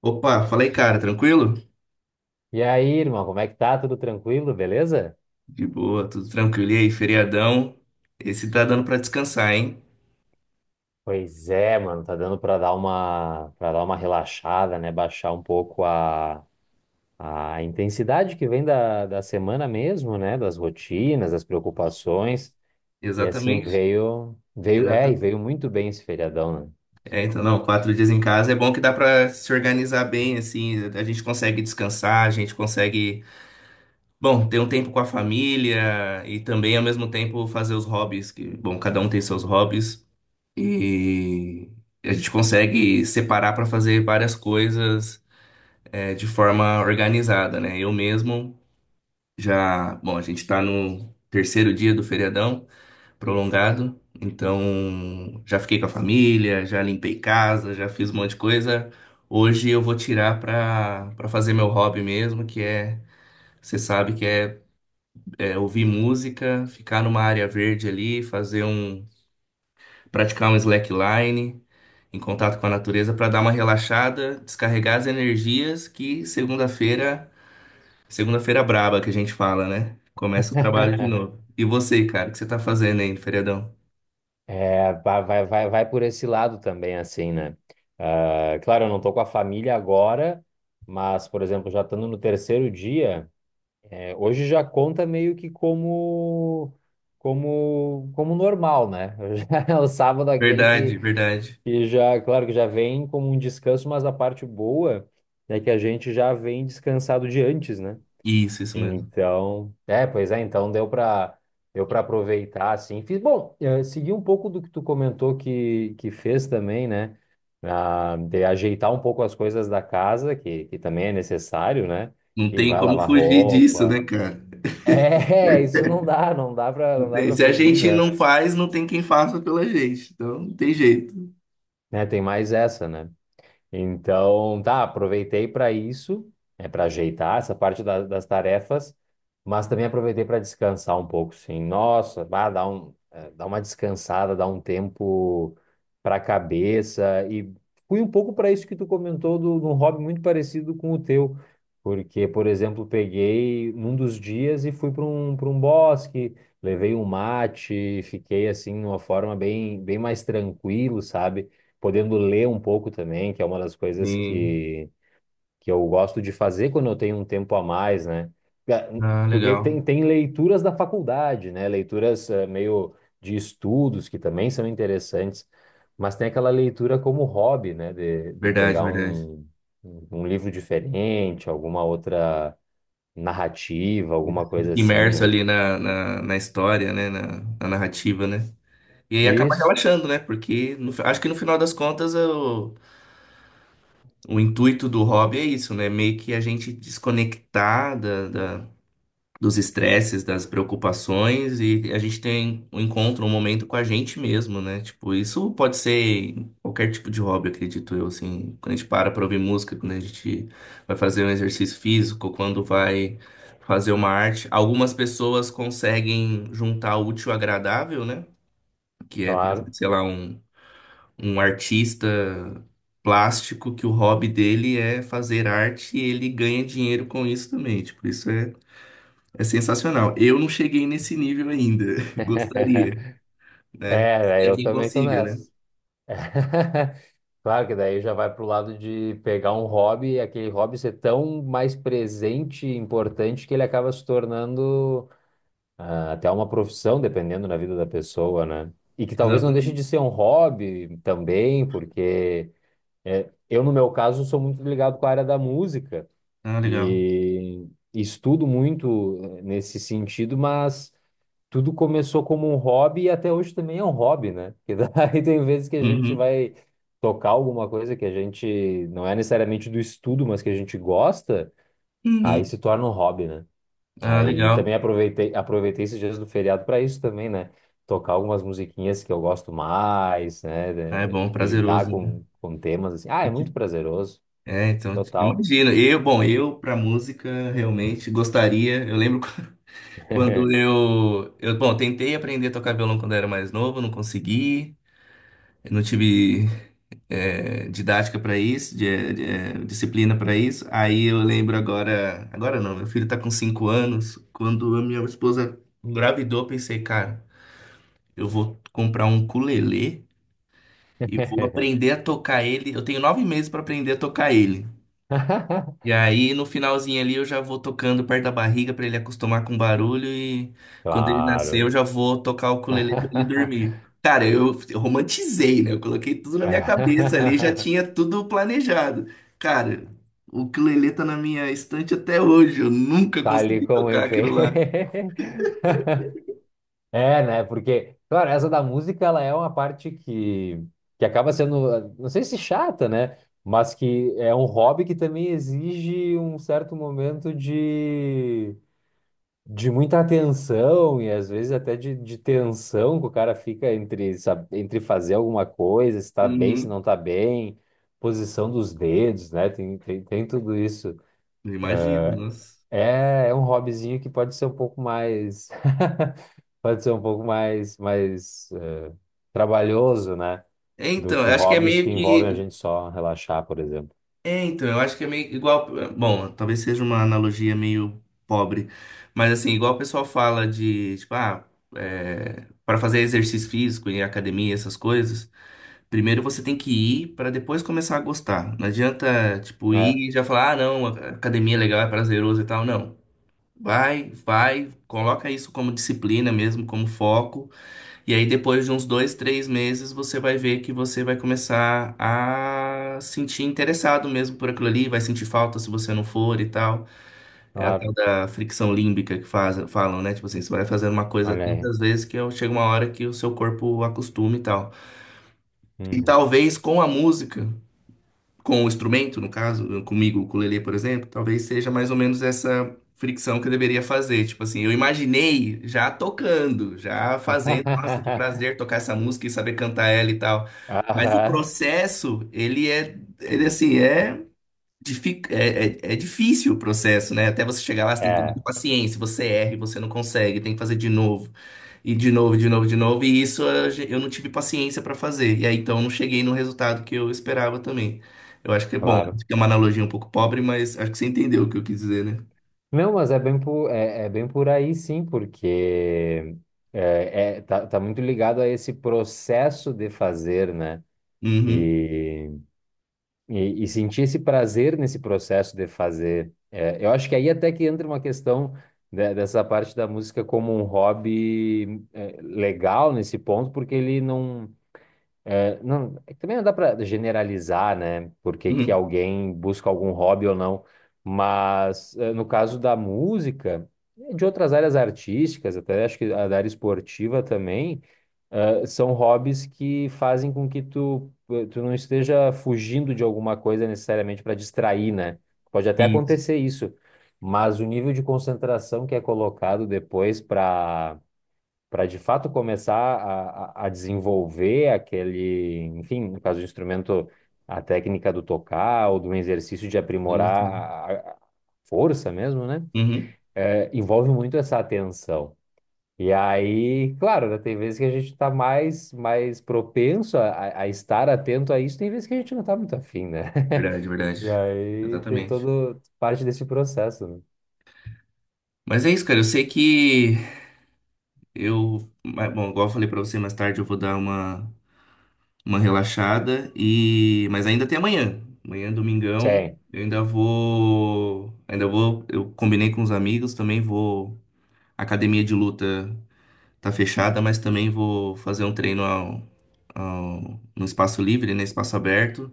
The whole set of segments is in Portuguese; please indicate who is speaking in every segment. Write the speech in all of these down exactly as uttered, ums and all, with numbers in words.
Speaker 1: Opa, fala aí, cara, tranquilo?
Speaker 2: E aí, irmão, como é que tá? Tudo tranquilo, beleza?
Speaker 1: De boa, tudo tranquilo. E aí, feriadão? Esse tá dando pra descansar, hein?
Speaker 2: Pois é, mano, tá dando pra dar uma para dar uma relaxada, né? Baixar um pouco a, a intensidade que vem da, da semana mesmo, né? Das rotinas, das preocupações. E assim
Speaker 1: Exatamente.
Speaker 2: veio veio é, e
Speaker 1: Exatamente.
Speaker 2: veio muito bem esse feriadão,
Speaker 1: É, então, não, quatro dias em casa é bom que dá pra se organizar bem, assim, a gente consegue descansar, a gente consegue, bom, ter um tempo com a família e também, ao mesmo tempo, fazer os hobbies, que, bom, cada um tem seus hobbies e a gente consegue separar pra fazer várias coisas, é, de forma organizada, né? Eu mesmo. Já, bom, a gente está no terceiro dia do feriadão prolongado, então já fiquei com a família, já limpei casa, já fiz um monte de coisa. Hoje eu vou tirar para para fazer meu hobby mesmo, que é, você sabe que é, é ouvir música, ficar numa área verde ali, fazer um, praticar um slackline em contato com a natureza para dar uma relaxada, descarregar as energias que segunda-feira Segunda-feira braba que a gente fala, né? Começa o trabalho de
Speaker 2: né?
Speaker 1: novo. E você, cara, o que você tá fazendo aí no feriadão?
Speaker 2: É, vai, vai, vai, vai por esse lado também, assim, né? Ah, claro, eu não tô com a família agora, mas, por exemplo, já estando no terceiro dia. É, hoje já conta meio que como como como normal, né? Já é O sábado é aquele que,
Speaker 1: Verdade, verdade.
Speaker 2: que já, claro que já vem como um descanso, mas a parte boa é que a gente já vem descansado de antes, né?
Speaker 1: Isso, isso mesmo.
Speaker 2: Então, é, pois é, então deu para deu para aproveitar assim. Fiz, bom, eh, segui um pouco do que tu comentou que que fez também, né? Ah, de ajeitar um pouco as coisas da casa, que, que também é necessário, né?
Speaker 1: Não
Speaker 2: E
Speaker 1: tem
Speaker 2: vai
Speaker 1: como
Speaker 2: lavar
Speaker 1: fugir disso, né,
Speaker 2: roupa,
Speaker 1: cara?
Speaker 2: é, isso não dá, não dá pra,
Speaker 1: Não
Speaker 2: não dá
Speaker 1: tem.
Speaker 2: pra
Speaker 1: Se a
Speaker 2: fugir,
Speaker 1: gente
Speaker 2: né?
Speaker 1: não faz, não tem quem faça pela gente. Então, não tem jeito.
Speaker 2: Né, tem mais essa, né? Então, tá, aproveitei para isso, é para ajeitar essa parte da- das tarefas, mas também aproveitei para descansar um pouco, sim. Nossa, bah, dá um, eh, dá uma descansada, dá um tempo para a cabeça e fui um pouco para isso que tu comentou do, de um hobby muito parecido com o teu, porque, por exemplo, peguei num dos dias e fui para um, para um bosque, levei um mate, fiquei assim numa forma bem, bem mais tranquilo, sabe? Podendo ler um pouco também, que é uma das coisas
Speaker 1: Sim.
Speaker 2: que, que eu gosto de fazer quando eu tenho um tempo a mais, né? Ga- hum,
Speaker 1: Ah,
Speaker 2: Porque tem,
Speaker 1: legal.
Speaker 2: tem leituras da faculdade, né? Leituras eh, meio de estudos que também são interessantes, mas tem aquela leitura como hobby, né? De, de
Speaker 1: Verdade,
Speaker 2: pegar
Speaker 1: verdade.
Speaker 2: um, um um livro diferente, alguma outra narrativa, alguma
Speaker 1: Fica
Speaker 2: coisa assim,
Speaker 1: imerso
Speaker 2: né?
Speaker 1: ali na, na, na história, né? Na, na narrativa, né? E aí acaba
Speaker 2: Isso,
Speaker 1: relaxando, né? Porque no fi- acho que no final das contas, o o intuito do hobby é isso, né? Meio que a gente desconectar da, da- dos estresses, das preocupações e a gente tem um encontro, um momento com a gente mesmo, né? Tipo, isso pode ser em qualquer tipo de hobby, acredito eu, assim. Quando a gente para pra ouvir música, quando a gente vai fazer um exercício físico, quando vai fazer uma arte. Algumas pessoas conseguem juntar o útil ao agradável, né? Que é, por exemplo,
Speaker 2: claro.
Speaker 1: sei lá, um um artista plástico que o hobby dele é fazer arte e ele ganha dinheiro com isso também. Tipo, isso é, é sensacional. Eu não cheguei nesse nível ainda. Gostaria, né?
Speaker 2: É,
Speaker 1: Tem
Speaker 2: eu
Speaker 1: quem
Speaker 2: também tô
Speaker 1: consiga, né?
Speaker 2: nessa. Claro que daí já vai pro lado de pegar um hobby e aquele hobby ser tão mais presente e importante que ele acaba se tornando ah, até uma profissão, dependendo da vida da pessoa, né? E que talvez não deixe
Speaker 1: Exatamente.
Speaker 2: de ser um hobby também, porque é, eu, no meu caso, sou muito ligado com a área da música
Speaker 1: Ah, legal.
Speaker 2: e estudo muito eh, nesse sentido, mas tudo começou como um hobby e até hoje também é um hobby, né? Porque daí tem vezes que a gente
Speaker 1: Uhum.
Speaker 2: vai tocar alguma coisa que a gente não é necessariamente do estudo, mas que a gente gosta, aí
Speaker 1: Uhum.
Speaker 2: se torna um hobby, né?
Speaker 1: Ah,
Speaker 2: Aí
Speaker 1: legal.
Speaker 2: também aproveitei, aproveitei esses dias do feriado para isso também, né? Tocar algumas musiquinhas que eu gosto mais, né?
Speaker 1: Ah, é
Speaker 2: De-
Speaker 1: bom,
Speaker 2: Lidar
Speaker 1: prazeroso, né?
Speaker 2: com, com temas assim. Ah, é
Speaker 1: E
Speaker 2: muito
Speaker 1: que-
Speaker 2: prazeroso,
Speaker 1: É, então,
Speaker 2: total.
Speaker 1: imagina. Eu, bom, eu pra música realmente gostaria. Eu lembro quando eu, eu, bom, tentei aprender a tocar violão quando eu era mais novo, não consegui. Eu não tive é, didática para isso, de- de- é, disciplina para isso. Aí eu lembro agora, agora não, meu filho tá com cinco anos. Quando a minha esposa engravidou, eu pensei, cara, eu vou comprar um ukulele e vou aprender a tocar ele. Eu tenho nove meses para aprender a tocar ele. E aí, no finalzinho ali, eu já vou tocando perto da barriga pra ele acostumar com o barulho. E quando ele nascer, eu
Speaker 2: Claro.
Speaker 1: já vou tocar o ukulele pra ele dormir. Cara, eu, eu romantizei, né? Eu coloquei tudo na minha cabeça ali, já tinha tudo planejado. Cara, o ukulele tá na minha estante até hoje. Eu nunca
Speaker 2: Tá ali
Speaker 1: consegui
Speaker 2: como
Speaker 1: tocar
Speaker 2: ele.
Speaker 1: aquilo lá.
Speaker 2: É, né? Porque, claro, essa da música, ela é uma parte que, que acaba sendo, não sei se chata, né? Mas que é um hobby que também exige um certo momento de, de muita atenção e às vezes até de, de tensão que o cara fica entre, sabe, entre fazer alguma coisa, se tá bem, se
Speaker 1: Uhum.
Speaker 2: não tá bem, posição dos dedos, né? Tem, tem, tem tudo isso.
Speaker 1: Eu imagino, nossa.
Speaker 2: É, é um hobbyzinho que pode ser um pouco mais. Pode ser um pouco mais, mais eh, trabalhoso, né?
Speaker 1: É,
Speaker 2: Do
Speaker 1: então, eu
Speaker 2: que
Speaker 1: acho que é
Speaker 2: hobbies que
Speaker 1: meio
Speaker 2: envolvem a
Speaker 1: que.
Speaker 2: gente só relaxar, por exemplo.
Speaker 1: É, então, eu acho que é meio igual. Bom, talvez seja uma analogia meio pobre, mas assim, igual o pessoal fala de, tipo, ah, é, para fazer exercício físico em academia, essas coisas, primeiro você tem que ir para depois começar a gostar. Não adianta, tipo,
Speaker 2: É,
Speaker 1: ir e já falar, ah, não, a academia é legal, é prazeroso e tal. Não. Vai, vai, coloca isso como disciplina mesmo, como foco. E aí, depois de uns dois, três meses, você vai ver que você vai começar a sentir interessado mesmo por aquilo ali, vai sentir falta se você não for e tal. É a tal
Speaker 2: claro.
Speaker 1: da fricção límbica que faz, falam, né? Tipo assim, você vai fazendo uma coisa
Speaker 2: Olha aí.
Speaker 1: tantas vezes que eu- chega uma hora que o seu corpo acostuma e tal. E
Speaker 2: Uhum.
Speaker 1: talvez com a música com o instrumento, no caso, comigo, o ukulele, por exemplo, talvez seja mais ou menos essa fricção que eu deveria fazer. Tipo assim, eu imaginei já tocando, já fazendo, nossa, que prazer tocar essa música e saber cantar ela e tal. Mas o
Speaker 2: Aham,
Speaker 1: processo, ele é, ele assim, é, difi- é, é- é difícil o processo, né? Até você chegar lá, você tem que ter
Speaker 2: é,
Speaker 1: muita paciência, você erra e você não consegue, tem que fazer de novo. E de novo, de novo, de novo. E isso a gen- eu não tive paciência para fazer. E aí então eu não cheguei no resultado que eu esperava também. Eu acho que é bom,
Speaker 2: claro.
Speaker 1: é uma analogia um pouco pobre, mas acho que você entendeu o que eu quis dizer, né?
Speaker 2: Não, mas é bem por, é, é bem por aí sim, porque é, é- tá, tá muito ligado a esse processo de fazer, né?
Speaker 1: Uhum,
Speaker 2: E E, e sentir esse prazer nesse processo de fazer. É, eu acho que aí até que entra uma questão de- dessa parte da música como um hobby é, legal nesse ponto, porque ele não, é, não, é que também não dá para generalizar, né? Porque que
Speaker 1: uhum.
Speaker 2: alguém busca algum hobby ou não. Mas é, no caso da música, e de outras áreas artísticas, até acho que a da área esportiva também, é, são hobbies que fazem com que tu, eh, tu não esteja fugindo de alguma coisa necessariamente para distrair, né? Pode até
Speaker 1: Isso,
Speaker 2: acontecer isso, mas o nível de concentração que é colocado depois para para de fato começar a, a, desenvolver aquele, enfim, no caso do instrumento, a técnica do tocar ou do exercício de
Speaker 1: sim,
Speaker 2: aprimorar
Speaker 1: sim.
Speaker 2: a, a força mesmo, né?
Speaker 1: Uhum.
Speaker 2: É, envolve muito essa atenção. E aí, claro, né, tem vezes que a gente está mais, mais propenso a, a estar atento a isso, tem vezes que a gente não está muito afim, né?
Speaker 1: Verdade,
Speaker 2: E
Speaker 1: verdade.
Speaker 2: aí tem
Speaker 1: Exatamente.
Speaker 2: todo parte desse processo, né?
Speaker 1: Mas é isso, cara. Eu sei que eu. Mas, Bom, igual eu falei pra você mais tarde, eu vou dar uma, uma relaxada e mas ainda tem amanhã. Amanhã, é domingão,
Speaker 2: Sim.
Speaker 1: eu ainda vou, ainda vou, eu combinei com os amigos, também vou. A academia de luta tá fechada, mas também vou fazer um treino ao- ao- no espaço livre, né, espaço aberto.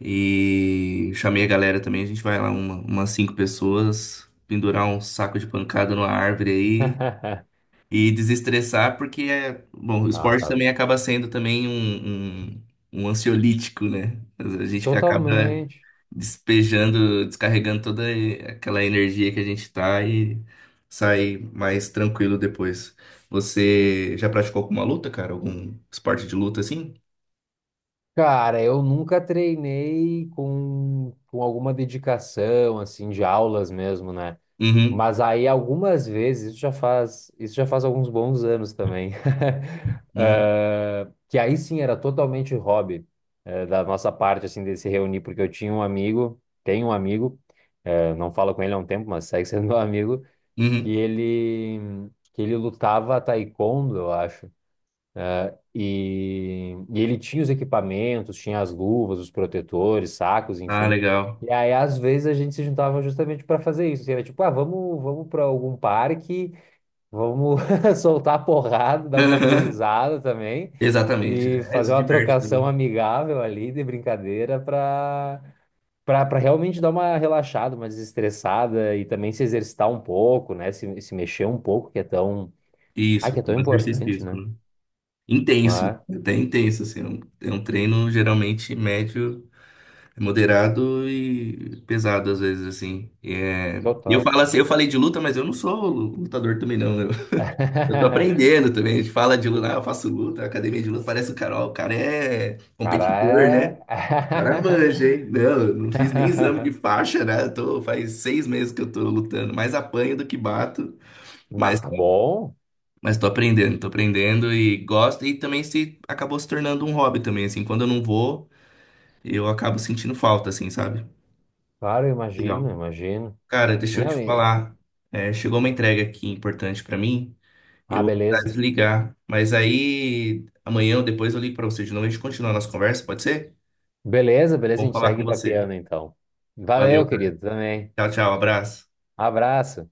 Speaker 1: E chamei a galera também, a gente vai lá uma- umas cinco pessoas, pendurar um saco de pancada numa árvore aí e desestressar, porque é, bom, o
Speaker 2: Ah,
Speaker 1: esporte
Speaker 2: tá.
Speaker 1: também acaba sendo também um, um um ansiolítico, né? A gente acaba
Speaker 2: Totalmente.
Speaker 1: despejando, descarregando toda aquela energia que a gente tá e sai mais tranquilo depois. Você já praticou alguma luta, cara? Algum esporte de luta assim?
Speaker 2: Cara, eu nunca treinei com, com alguma dedicação, assim, de aulas mesmo, né?
Speaker 1: Uhum,
Speaker 2: Mas aí algumas vezes, isso já faz, isso já faz alguns bons anos também,
Speaker 1: uhum,
Speaker 2: eh, que aí sim era totalmente hobby, eh, da nossa parte, assim, de se reunir, porque eu tinha um amigo, tenho um amigo, eh, não falo com ele há um tempo, mas segue sendo meu amigo, que
Speaker 1: uhum.
Speaker 2: ele, que ele lutava taekwondo, eu acho. E, e ele tinha os equipamentos, tinha as luvas, os protetores, sacos,
Speaker 1: Ah,
Speaker 2: enfim.
Speaker 1: legal.
Speaker 2: E aí, às vezes, a gente se juntava justamente para fazer isso. Assim, era tipo, ah, vamos, vamos para algum parque, vamos soltar a porrada, dar um pouco de risada também
Speaker 1: Exatamente.
Speaker 2: e
Speaker 1: É,
Speaker 2: fazer
Speaker 1: se
Speaker 2: uma
Speaker 1: diverte
Speaker 2: trocação
Speaker 1: também.
Speaker 2: amigável ali de brincadeira para para realmente dar uma relaxada, uma desestressada e também se exercitar um pouco, né? Se, se mexer um pouco, que é tão, ah, que
Speaker 1: Isso,
Speaker 2: é
Speaker 1: é
Speaker 2: tão
Speaker 1: um exercício
Speaker 2: importante,
Speaker 1: físico,
Speaker 2: né?
Speaker 1: né? Intenso,
Speaker 2: Ah,
Speaker 1: até intenso, assim. É um, é um treino geralmente médio, moderado e pesado, às vezes, assim. E é- e eu
Speaker 2: total.
Speaker 1: falo assim, eu falei de luta, mas eu não sou lutador também, não. Eu, eu tô aprendendo também. A gente fala de luta, ah, eu faço luta, academia de luta, parece o cara, ó, o cara é competidor, né?
Speaker 2: Cara,
Speaker 1: O cara manja,
Speaker 2: é.
Speaker 1: hein? Não, eu não fiz nem exame de faixa, né? Eu tô, faz seis meses que eu tô lutando, mais apanho do que bato.
Speaker 2: Mas tá bom.
Speaker 1: Mas tô aprendendo, tô aprendendo e gosto. E também se acabou se tornando um hobby também, assim. Quando eu não vou, eu acabo sentindo falta, assim, sabe?
Speaker 2: Claro, eu imagino,
Speaker 1: Legal.
Speaker 2: imagino.
Speaker 1: Cara, deixa eu te
Speaker 2: Não, e...
Speaker 1: falar. É, chegou uma entrega aqui importante pra mim. Eu
Speaker 2: Ah,
Speaker 1: vou precisar
Speaker 2: beleza.
Speaker 1: desligar. Mas aí, amanhã ou depois eu ligo pra você de novo. A gente continua a nossa conversa, pode ser?
Speaker 2: Beleza, beleza, a
Speaker 1: Vamos
Speaker 2: gente
Speaker 1: falar
Speaker 2: segue
Speaker 1: com
Speaker 2: pra
Speaker 1: você.
Speaker 2: piano então.
Speaker 1: Valeu,
Speaker 2: Valeu,
Speaker 1: cara.
Speaker 2: querido, também.
Speaker 1: Tchau, tchau. Abraço.
Speaker 2: Abraço.